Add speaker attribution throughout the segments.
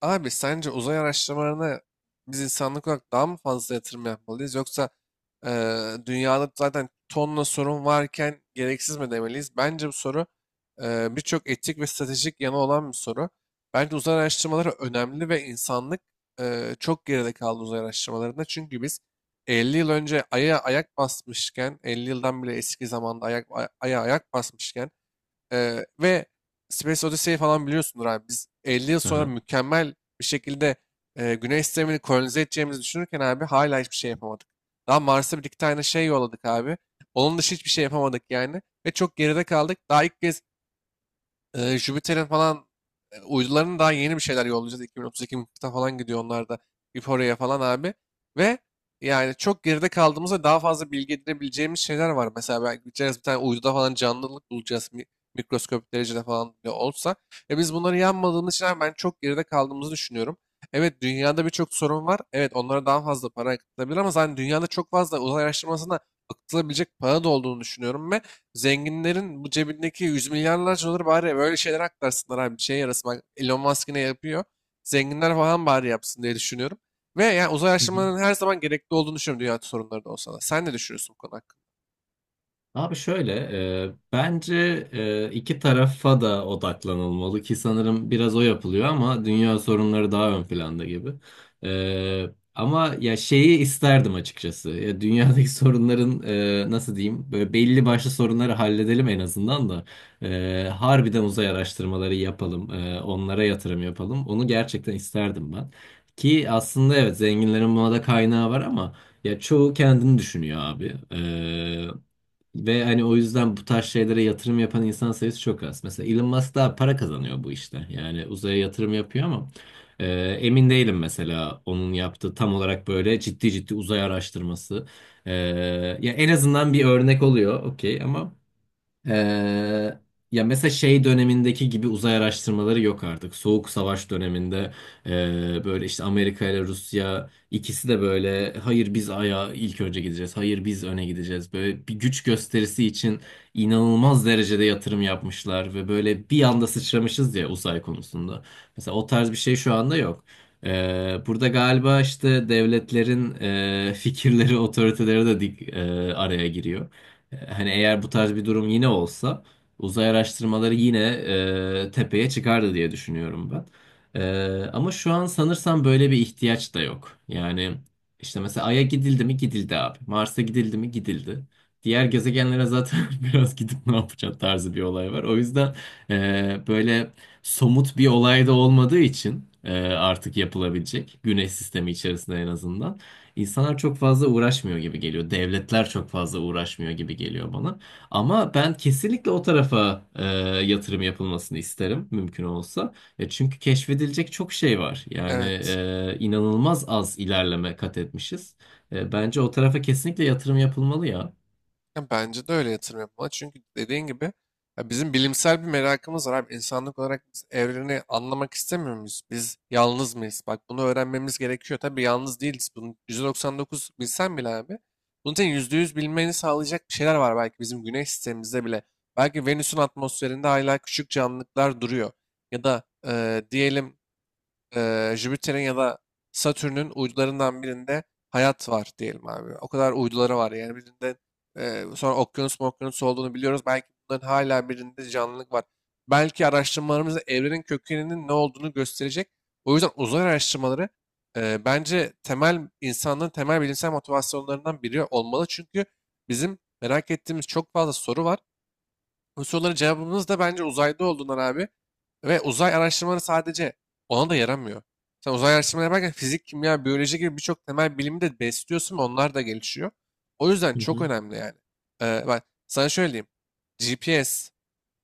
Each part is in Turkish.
Speaker 1: Abi sence uzay araştırmalarına biz insanlık olarak daha mı fazla yatırım yapmalıyız yoksa dünyada zaten tonla sorun varken gereksiz mi demeliyiz? Bence bu soru birçok etik ve stratejik yanı olan bir soru. Bence uzay araştırmaları önemli ve insanlık çok geride kaldı uzay araştırmalarında. Çünkü biz 50 yıl önce Ay'a ayak basmışken, 50 yıldan bile eski zamanda Ay'a ayak basmışken ve Space Odyssey falan biliyorsundur abi. Biz 50 yıl sonra
Speaker 2: Aha.
Speaker 1: mükemmel bir şekilde Güney sistemini kolonize edeceğimizi düşünürken abi hala hiçbir şey yapamadık. Daha Mars'a bir iki tane şey yolladık abi. Onun dışı hiçbir şey yapamadık yani. Ve çok geride kaldık. Daha ilk kez Jüpiter'in falan uydularının daha yeni bir şeyler yollayacağız. 2032 mıknatısa falan gidiyor onlar da oraya falan abi. Ve yani çok geride kaldığımızda daha fazla bilgi edinebileceğimiz şeyler var. Mesela belki gideceğiz bir tane uyduda falan canlılık bulacağız. Mikroskopik derecede falan bile olsa. E biz bunları yanmadığımız için abi ben çok geride kaldığımızı düşünüyorum. Evet, dünyada birçok sorun var. Evet, onlara daha fazla para akıtılabilir ama zaten dünyada çok fazla uzay araştırmasına akıtılabilecek para da olduğunu düşünüyorum. Ve zenginlerin bu cebindeki yüz milyarlarca doları bari böyle şeyler aklarsınlar abi. Bir şeye yarasın. Bak Elon Musk ne yapıyor. Zenginler falan bari yapsın diye düşünüyorum. Ve yani uzay
Speaker 2: Hı hı.
Speaker 1: araştırmalarının her zaman gerekli olduğunu düşünüyorum dünya sorunları da olsa da. Sen ne düşünüyorsun bu konu hakkında?
Speaker 2: Abi şöyle, bence iki tarafa da odaklanılmalı ki sanırım biraz o yapılıyor ama dünya sorunları daha ön planda gibi. E, Ama ya şeyi isterdim açıkçası. Ya dünyadaki sorunların nasıl diyeyim, böyle belli başlı sorunları halledelim en azından da harbiden uzay araştırmaları yapalım, onlara yatırım yapalım. Onu gerçekten isterdim ben. Ki aslında evet zenginlerin buna da kaynağı var ama ya çoğu kendini düşünüyor abi. Ve hani o yüzden bu tarz şeylere yatırım yapan insan sayısı çok az. Mesela Elon Musk daha para kazanıyor bu işte. Yani uzaya yatırım yapıyor ama e, emin değilim mesela onun yaptığı tam olarak böyle ciddi ciddi uzay araştırması. E, Ya en azından bir örnek oluyor okey ama ee, ya mesela şey dönemindeki gibi uzay araştırmaları yok artık. Soğuk Savaş döneminde böyle işte Amerika ile Rusya ikisi de böyle hayır biz aya ilk önce gideceğiz. Hayır biz öne gideceğiz. Böyle bir güç gösterisi için inanılmaz derecede yatırım yapmışlar ve böyle bir anda sıçramışız ya uzay konusunda. Mesela o tarz bir şey şu anda yok. Burada galiba işte devletlerin fikirleri, otoriteleri de araya giriyor. Hani eğer bu tarz bir durum yine olsa uzay araştırmaları yine tepeye çıkardı diye düşünüyorum ben. Ama şu an sanırsam böyle bir ihtiyaç da yok. Yani işte mesela Ay'a gidildi mi gidildi abi. Mars'a gidildi mi gidildi. Diğer gezegenlere zaten biraz gidip ne yapacağız tarzı bir olay var. O yüzden böyle somut bir olay da olmadığı için artık yapılabilecek. Güneş sistemi içerisinde en azından. İnsanlar çok fazla uğraşmıyor gibi geliyor. Devletler çok fazla uğraşmıyor gibi geliyor bana. Ama ben kesinlikle o tarafa yatırım yapılmasını isterim mümkün olsa. Ya çünkü keşfedilecek çok şey var. Yani
Speaker 1: Evet.
Speaker 2: inanılmaz az ilerleme kat etmişiz. Bence o tarafa kesinlikle yatırım yapılmalı ya.
Speaker 1: Ya bence de öyle yatırım yapmalı. Çünkü dediğin gibi ya bizim bilimsel bir merakımız var abi. İnsanlık olarak biz evreni anlamak istemiyor muyuz? Biz yalnız mıyız? Bak bunu öğrenmemiz gerekiyor. Tabii yalnız değiliz. Bunu %99 bilsen bile abi. Bunun için %100 bilmeni sağlayacak bir şeyler var belki bizim güneş sistemimizde bile. Belki Venüs'ün atmosferinde hala küçük canlılıklar duruyor. Ya da diyelim Jüpiter'in ya da Satürn'ün uydularından birinde hayat var diyelim abi. O kadar uyduları var yani birinde sonra okyanus mu okyanus olduğunu biliyoruz. Belki bunların hala birinde canlılık var. Belki araştırmalarımız da evrenin kökeninin ne olduğunu gösterecek. O yüzden uzay araştırmaları bence temel insanlığın temel bilimsel motivasyonlarından biri olmalı. Çünkü bizim merak ettiğimiz çok fazla soru var. Bu soruların cevabımız da bence uzayda olduğundan abi. Ve uzay araştırmaları sadece ona da yaramıyor. Sen uzay araştırmaları yaparken fizik, kimya, biyoloji gibi birçok temel bilimi de besliyorsun ve onlar da gelişiyor. O yüzden
Speaker 2: Hı
Speaker 1: çok
Speaker 2: hı.
Speaker 1: önemli yani. Bak sana şöyle diyeyim. GPS,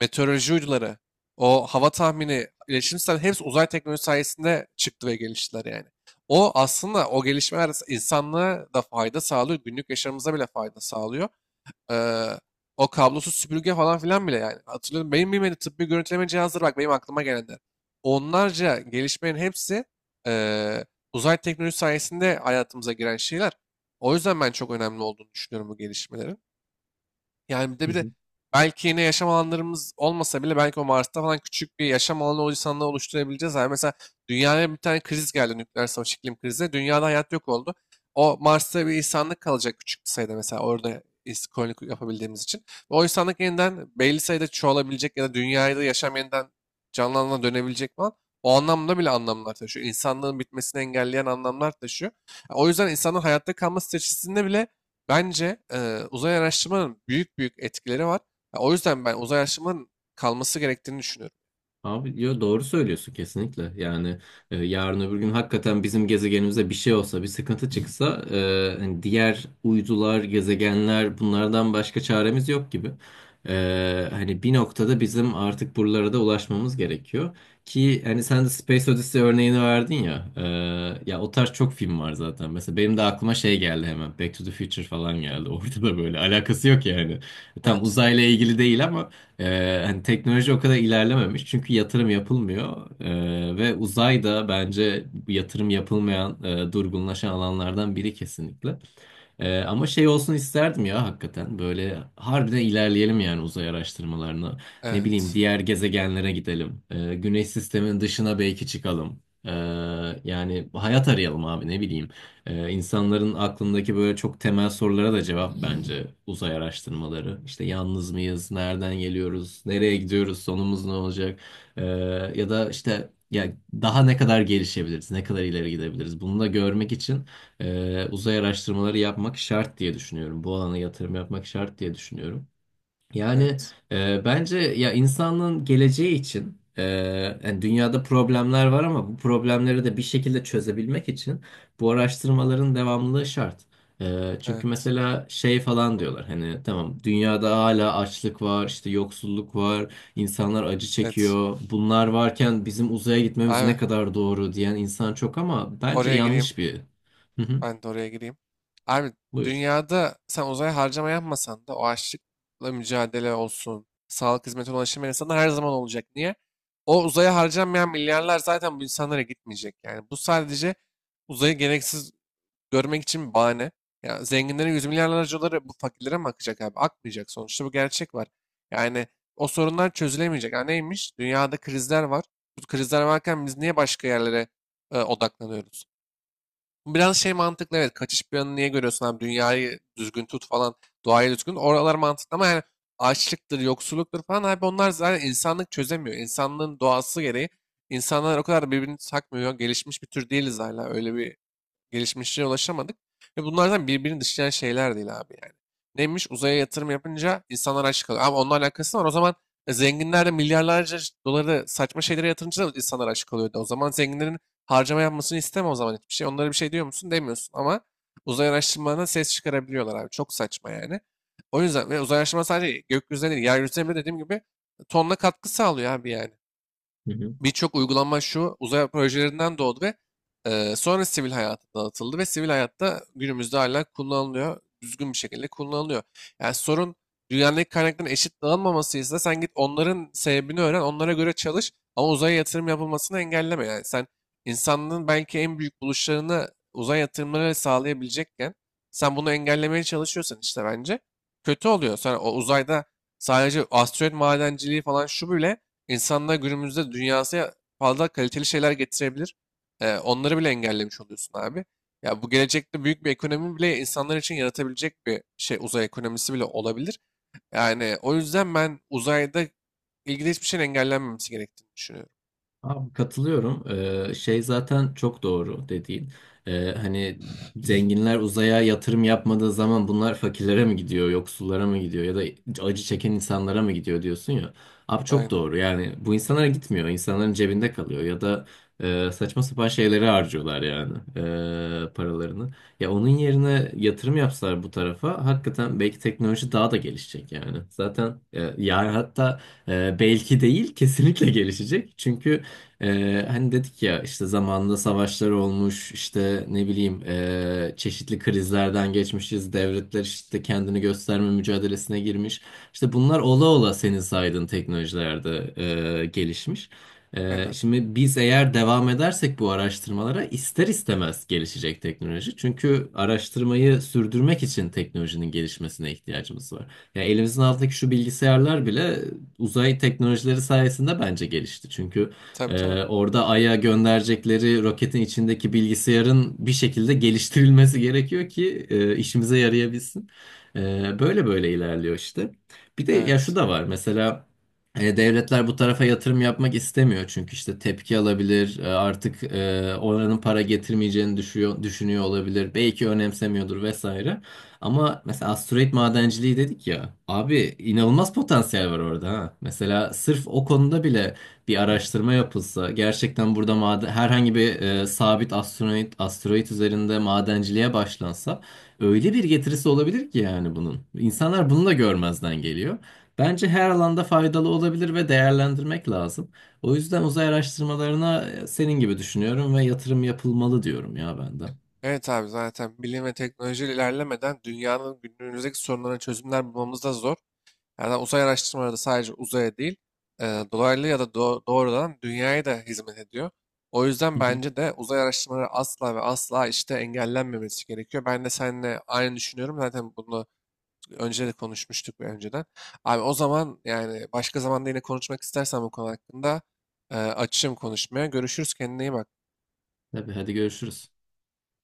Speaker 1: meteoroloji uyduları, o hava tahmini, iletişim sistemleri hepsi uzay teknolojisi sayesinde çıktı ve geliştiler yani. O aslında o gelişmeler insanlığa da fayda sağlıyor, günlük yaşamımıza bile fayda sağlıyor. Eee, O kablosuz süpürge falan filan bile yani. Hatırlıyorum benim bilmediğim tıbbi görüntüleme cihazları bak benim aklıma gelenler. Onlarca gelişmenin hepsi eee, uzay teknolojisi sayesinde hayatımıza giren şeyler. O yüzden ben çok önemli olduğunu düşünüyorum bu gelişmelerin. Yani bir de
Speaker 2: Hı
Speaker 1: bir de
Speaker 2: hı.
Speaker 1: belki yine yaşam alanlarımız olmasa bile belki o Mars'ta falan küçük bir yaşam alanı o insanla oluşturabileceğiz. Yani mesela dünyaya bir tane kriz geldi, nükleer savaş, iklim krizi. Dünyada hayat yok oldu. O Mars'ta bir insanlık kalacak küçük bir sayıda mesela orada koloni yapabildiğimiz için. Ve o insanlık yeniden belli sayıda çoğalabilecek ya da dünyada yaşam yeniden canlanana dönebilecek falan. O anlamda bile anlamlar taşıyor. İnsanlığın bitmesini engelleyen anlamlar taşıyor. O yüzden insanın hayatta kalma stratejisinde bile bence uzay araştırmanın büyük büyük etkileri var. Ya, o yüzden ben uzay araştırmanın kalması gerektiğini düşünüyorum.
Speaker 2: Abi yo, doğru söylüyorsun kesinlikle. Yani yarın öbür gün hakikaten bizim gezegenimize bir şey olsa, bir sıkıntı çıksa hani diğer uydular, gezegenler bunlardan başka çaremiz yok gibi. Hani bir noktada bizim artık buralara da ulaşmamız gerekiyor. Ki hani sen de Space Odyssey örneğini verdin ya. Ya o tarz çok film var zaten. Mesela benim de aklıma şey geldi hemen. Back to the Future falan geldi. Orada da böyle alakası yok yani. Tam
Speaker 1: Evet,
Speaker 2: uzayla ilgili değil ama hani teknoloji o kadar ilerlememiş çünkü yatırım yapılmıyor. Ve uzay da bence yatırım yapılmayan durgunlaşan alanlardan biri kesinlikle. Ama şey olsun isterdim ya hakikaten. Böyle harbiden ilerleyelim yani uzay araştırmalarına. Ne bileyim
Speaker 1: evet,
Speaker 2: diğer gezegenlere gidelim. Güneş sisteminin dışına belki çıkalım. Yani hayat arayalım abi ne bileyim. İnsanların aklındaki böyle çok temel sorulara da cevap bence uzay araştırmaları. İşte yalnız mıyız? Nereden geliyoruz? Nereye gidiyoruz? Sonumuz ne olacak? Ee, Ya da işte ya daha ne kadar gelişebiliriz? Ne kadar ileri gidebiliriz? Bunu da görmek için uzay araştırmaları yapmak şart diye düşünüyorum. Bu alana yatırım yapmak şart diye düşünüyorum. Yani
Speaker 1: evet,
Speaker 2: bence ya insanlığın geleceği için yani dünyada problemler var ama bu problemleri de bir şekilde çözebilmek için bu araştırmaların devamlılığı şart. Çünkü
Speaker 1: evet,
Speaker 2: mesela şey falan diyorlar hani tamam dünyada hala açlık var işte yoksulluk var insanlar acı
Speaker 1: evet.
Speaker 2: çekiyor bunlar varken bizim uzaya gitmemiz ne
Speaker 1: Abi
Speaker 2: kadar doğru diyen insan çok ama bence
Speaker 1: oraya gireyim.
Speaker 2: yanlış bir. Hı hı.
Speaker 1: Ben de oraya gireyim. Abi
Speaker 2: Buyur.
Speaker 1: dünyada sen uzaya harcama yapmasan da o açlıkla mücadele olsun, sağlık hizmetine ulaşım insanlar her zaman olacak. Niye? O uzaya harcanmayan milyarlar zaten bu insanlara gitmeyecek. Yani bu sadece uzayı gereksiz görmek için bir bahane. Ya zenginlerin yüz milyarlarca doları bu fakirlere mi akacak abi? Akmayacak. Sonuçta bu gerçek var. Yani o sorunlar çözülemeyecek. Ha neymiş? Dünyada krizler var. Bu krizler varken biz niye başka yerlere odaklanıyoruz? Bu biraz şey mantıklı, evet. Kaçış planı niye görüyorsun abi? Dünyayı düzgün tut falan. Doğayı düzgün. Oralar mantıklı ama yani açlıktır, yoksulluktur falan abi onlar zaten insanlık çözemiyor. İnsanlığın doğası gereği insanlar o kadar birbirini takmıyor. Gelişmiş bir tür değiliz hala. Öyle bir gelişmişliğe ulaşamadık. Ve bunlardan birbirini dışlayan şeyler değil abi yani. Neymiş? Uzaya yatırım yapınca insanlar aç kalıyor. Ama onunla alakası var. O zaman zenginler de milyarlarca doları saçma şeylere yatırınca da insanlar aç kalıyordu. O zaman zenginlerin harcama yapmasını isteme o zaman hiçbir şey. Onlara bir şey diyor musun? Demiyorsun ama uzay araştırmalarına ses çıkarabiliyorlar abi. Çok saçma yani. O yüzden ve uzay araştırma sadece gökyüzüne değil, yeryüzüne bile dediğim gibi tonla katkı sağlıyor abi yani.
Speaker 2: Hı hı.
Speaker 1: Birçok uygulama şu uzay projelerinden doğdu ve sonra sivil hayata dağıtıldı ve sivil hayatta günümüzde hala kullanılıyor. Düzgün bir şekilde kullanılıyor. Yani sorun dünyadaki kaynakların eşit dağılmamasıysa sen git onların sebebini öğren, onlara göre çalış ama uzaya yatırım yapılmasını engelleme. Yani sen insanlığın belki en büyük buluşlarını uzay yatırımları sağlayabilecekken sen bunu engellemeye çalışıyorsan işte bence kötü oluyor. Sonra o uzayda sadece asteroid madenciliği falan şu bile İnsanlar günümüzde dünyasına fazla kaliteli şeyler getirebilir. Onları bile engellemiş oluyorsun abi. Ya bu gelecekte büyük bir ekonomi bile insanlar için yaratabilecek bir şey uzay ekonomisi bile olabilir. Yani o yüzden ben uzayda ilgili hiçbir şeyin engellenmemesi gerektiğini düşünüyorum.
Speaker 2: Abi katılıyorum. Şey zaten çok doğru dediğin. Hani zenginler uzaya yatırım yapmadığı zaman bunlar fakirlere mi gidiyor, yoksullara mı gidiyor ya da acı çeken insanlara mı gidiyor diyorsun ya. Abi çok
Speaker 1: Aynen.
Speaker 2: doğru. Yani bu insanlara gitmiyor. İnsanların cebinde kalıyor ya da saçma sapan şeyleri harcıyorlar yani paralarını. Ya onun yerine yatırım yapsalar bu tarafa hakikaten belki teknoloji daha da gelişecek yani. Zaten ya hatta belki değil, kesinlikle gelişecek. Çünkü hani dedik ya işte zamanında savaşlar olmuş işte ne bileyim çeşitli krizlerden geçmişiz devletler işte kendini gösterme mücadelesine girmiş işte bunlar ola ola senin saydığın teknolojilerde gelişmiş.
Speaker 1: Aynen.
Speaker 2: Şimdi biz eğer devam edersek bu araştırmalara ister istemez gelişecek teknoloji çünkü araştırmayı sürdürmek için teknolojinin gelişmesine ihtiyacımız var. Ya elimizin altındaki şu bilgisayarlar bile uzay teknolojileri sayesinde bence gelişti çünkü.
Speaker 1: Tabii, tabii.
Speaker 2: Orada Ay'a gönderecekleri roketin içindeki bilgisayarın bir şekilde geliştirilmesi gerekiyor ki işimize yarayabilsin. Böyle böyle ilerliyor işte. Bir de ya şu
Speaker 1: Evet.
Speaker 2: da var mesela devletler bu tarafa yatırım yapmak istemiyor çünkü işte tepki alabilir artık oranın para getirmeyeceğini düşünüyor olabilir belki önemsemiyordur vesaire. Ama mesela asteroid madenciliği dedik ya abi inanılmaz potansiyel var orada ha. Mesela sırf o konuda bile bir araştırma yapılsa gerçekten burada maden, herhangi bir sabit asteroid üzerinde madenciliğe başlansa öyle bir getirisi olabilir ki yani bunun. İnsanlar bunu da görmezden geliyor. Bence her alanda faydalı olabilir ve değerlendirmek lazım. O yüzden uzay araştırmalarına senin gibi düşünüyorum ve yatırım yapılmalı diyorum ya ben de.
Speaker 1: Evet abi, zaten bilim ve teknoloji ilerlemeden dünyanın günümüzdeki sorunlarına çözümler bulmamız da zor. Yani uzay araştırmaları da sadece uzaya değil, e, dolaylı ya da doğrudan dünyaya da hizmet ediyor. O yüzden
Speaker 2: Hı hı.
Speaker 1: bence de uzay araştırmaları asla ve asla işte engellenmemesi gerekiyor. Ben de seninle aynı düşünüyorum. Zaten bunu önce de konuşmuştuk önceden. Abi o zaman yani başka zamanda yine konuşmak istersen bu konu hakkında açığım konuşmaya. Görüşürüz, kendine iyi bak.
Speaker 2: Tabii hadi görüşürüz.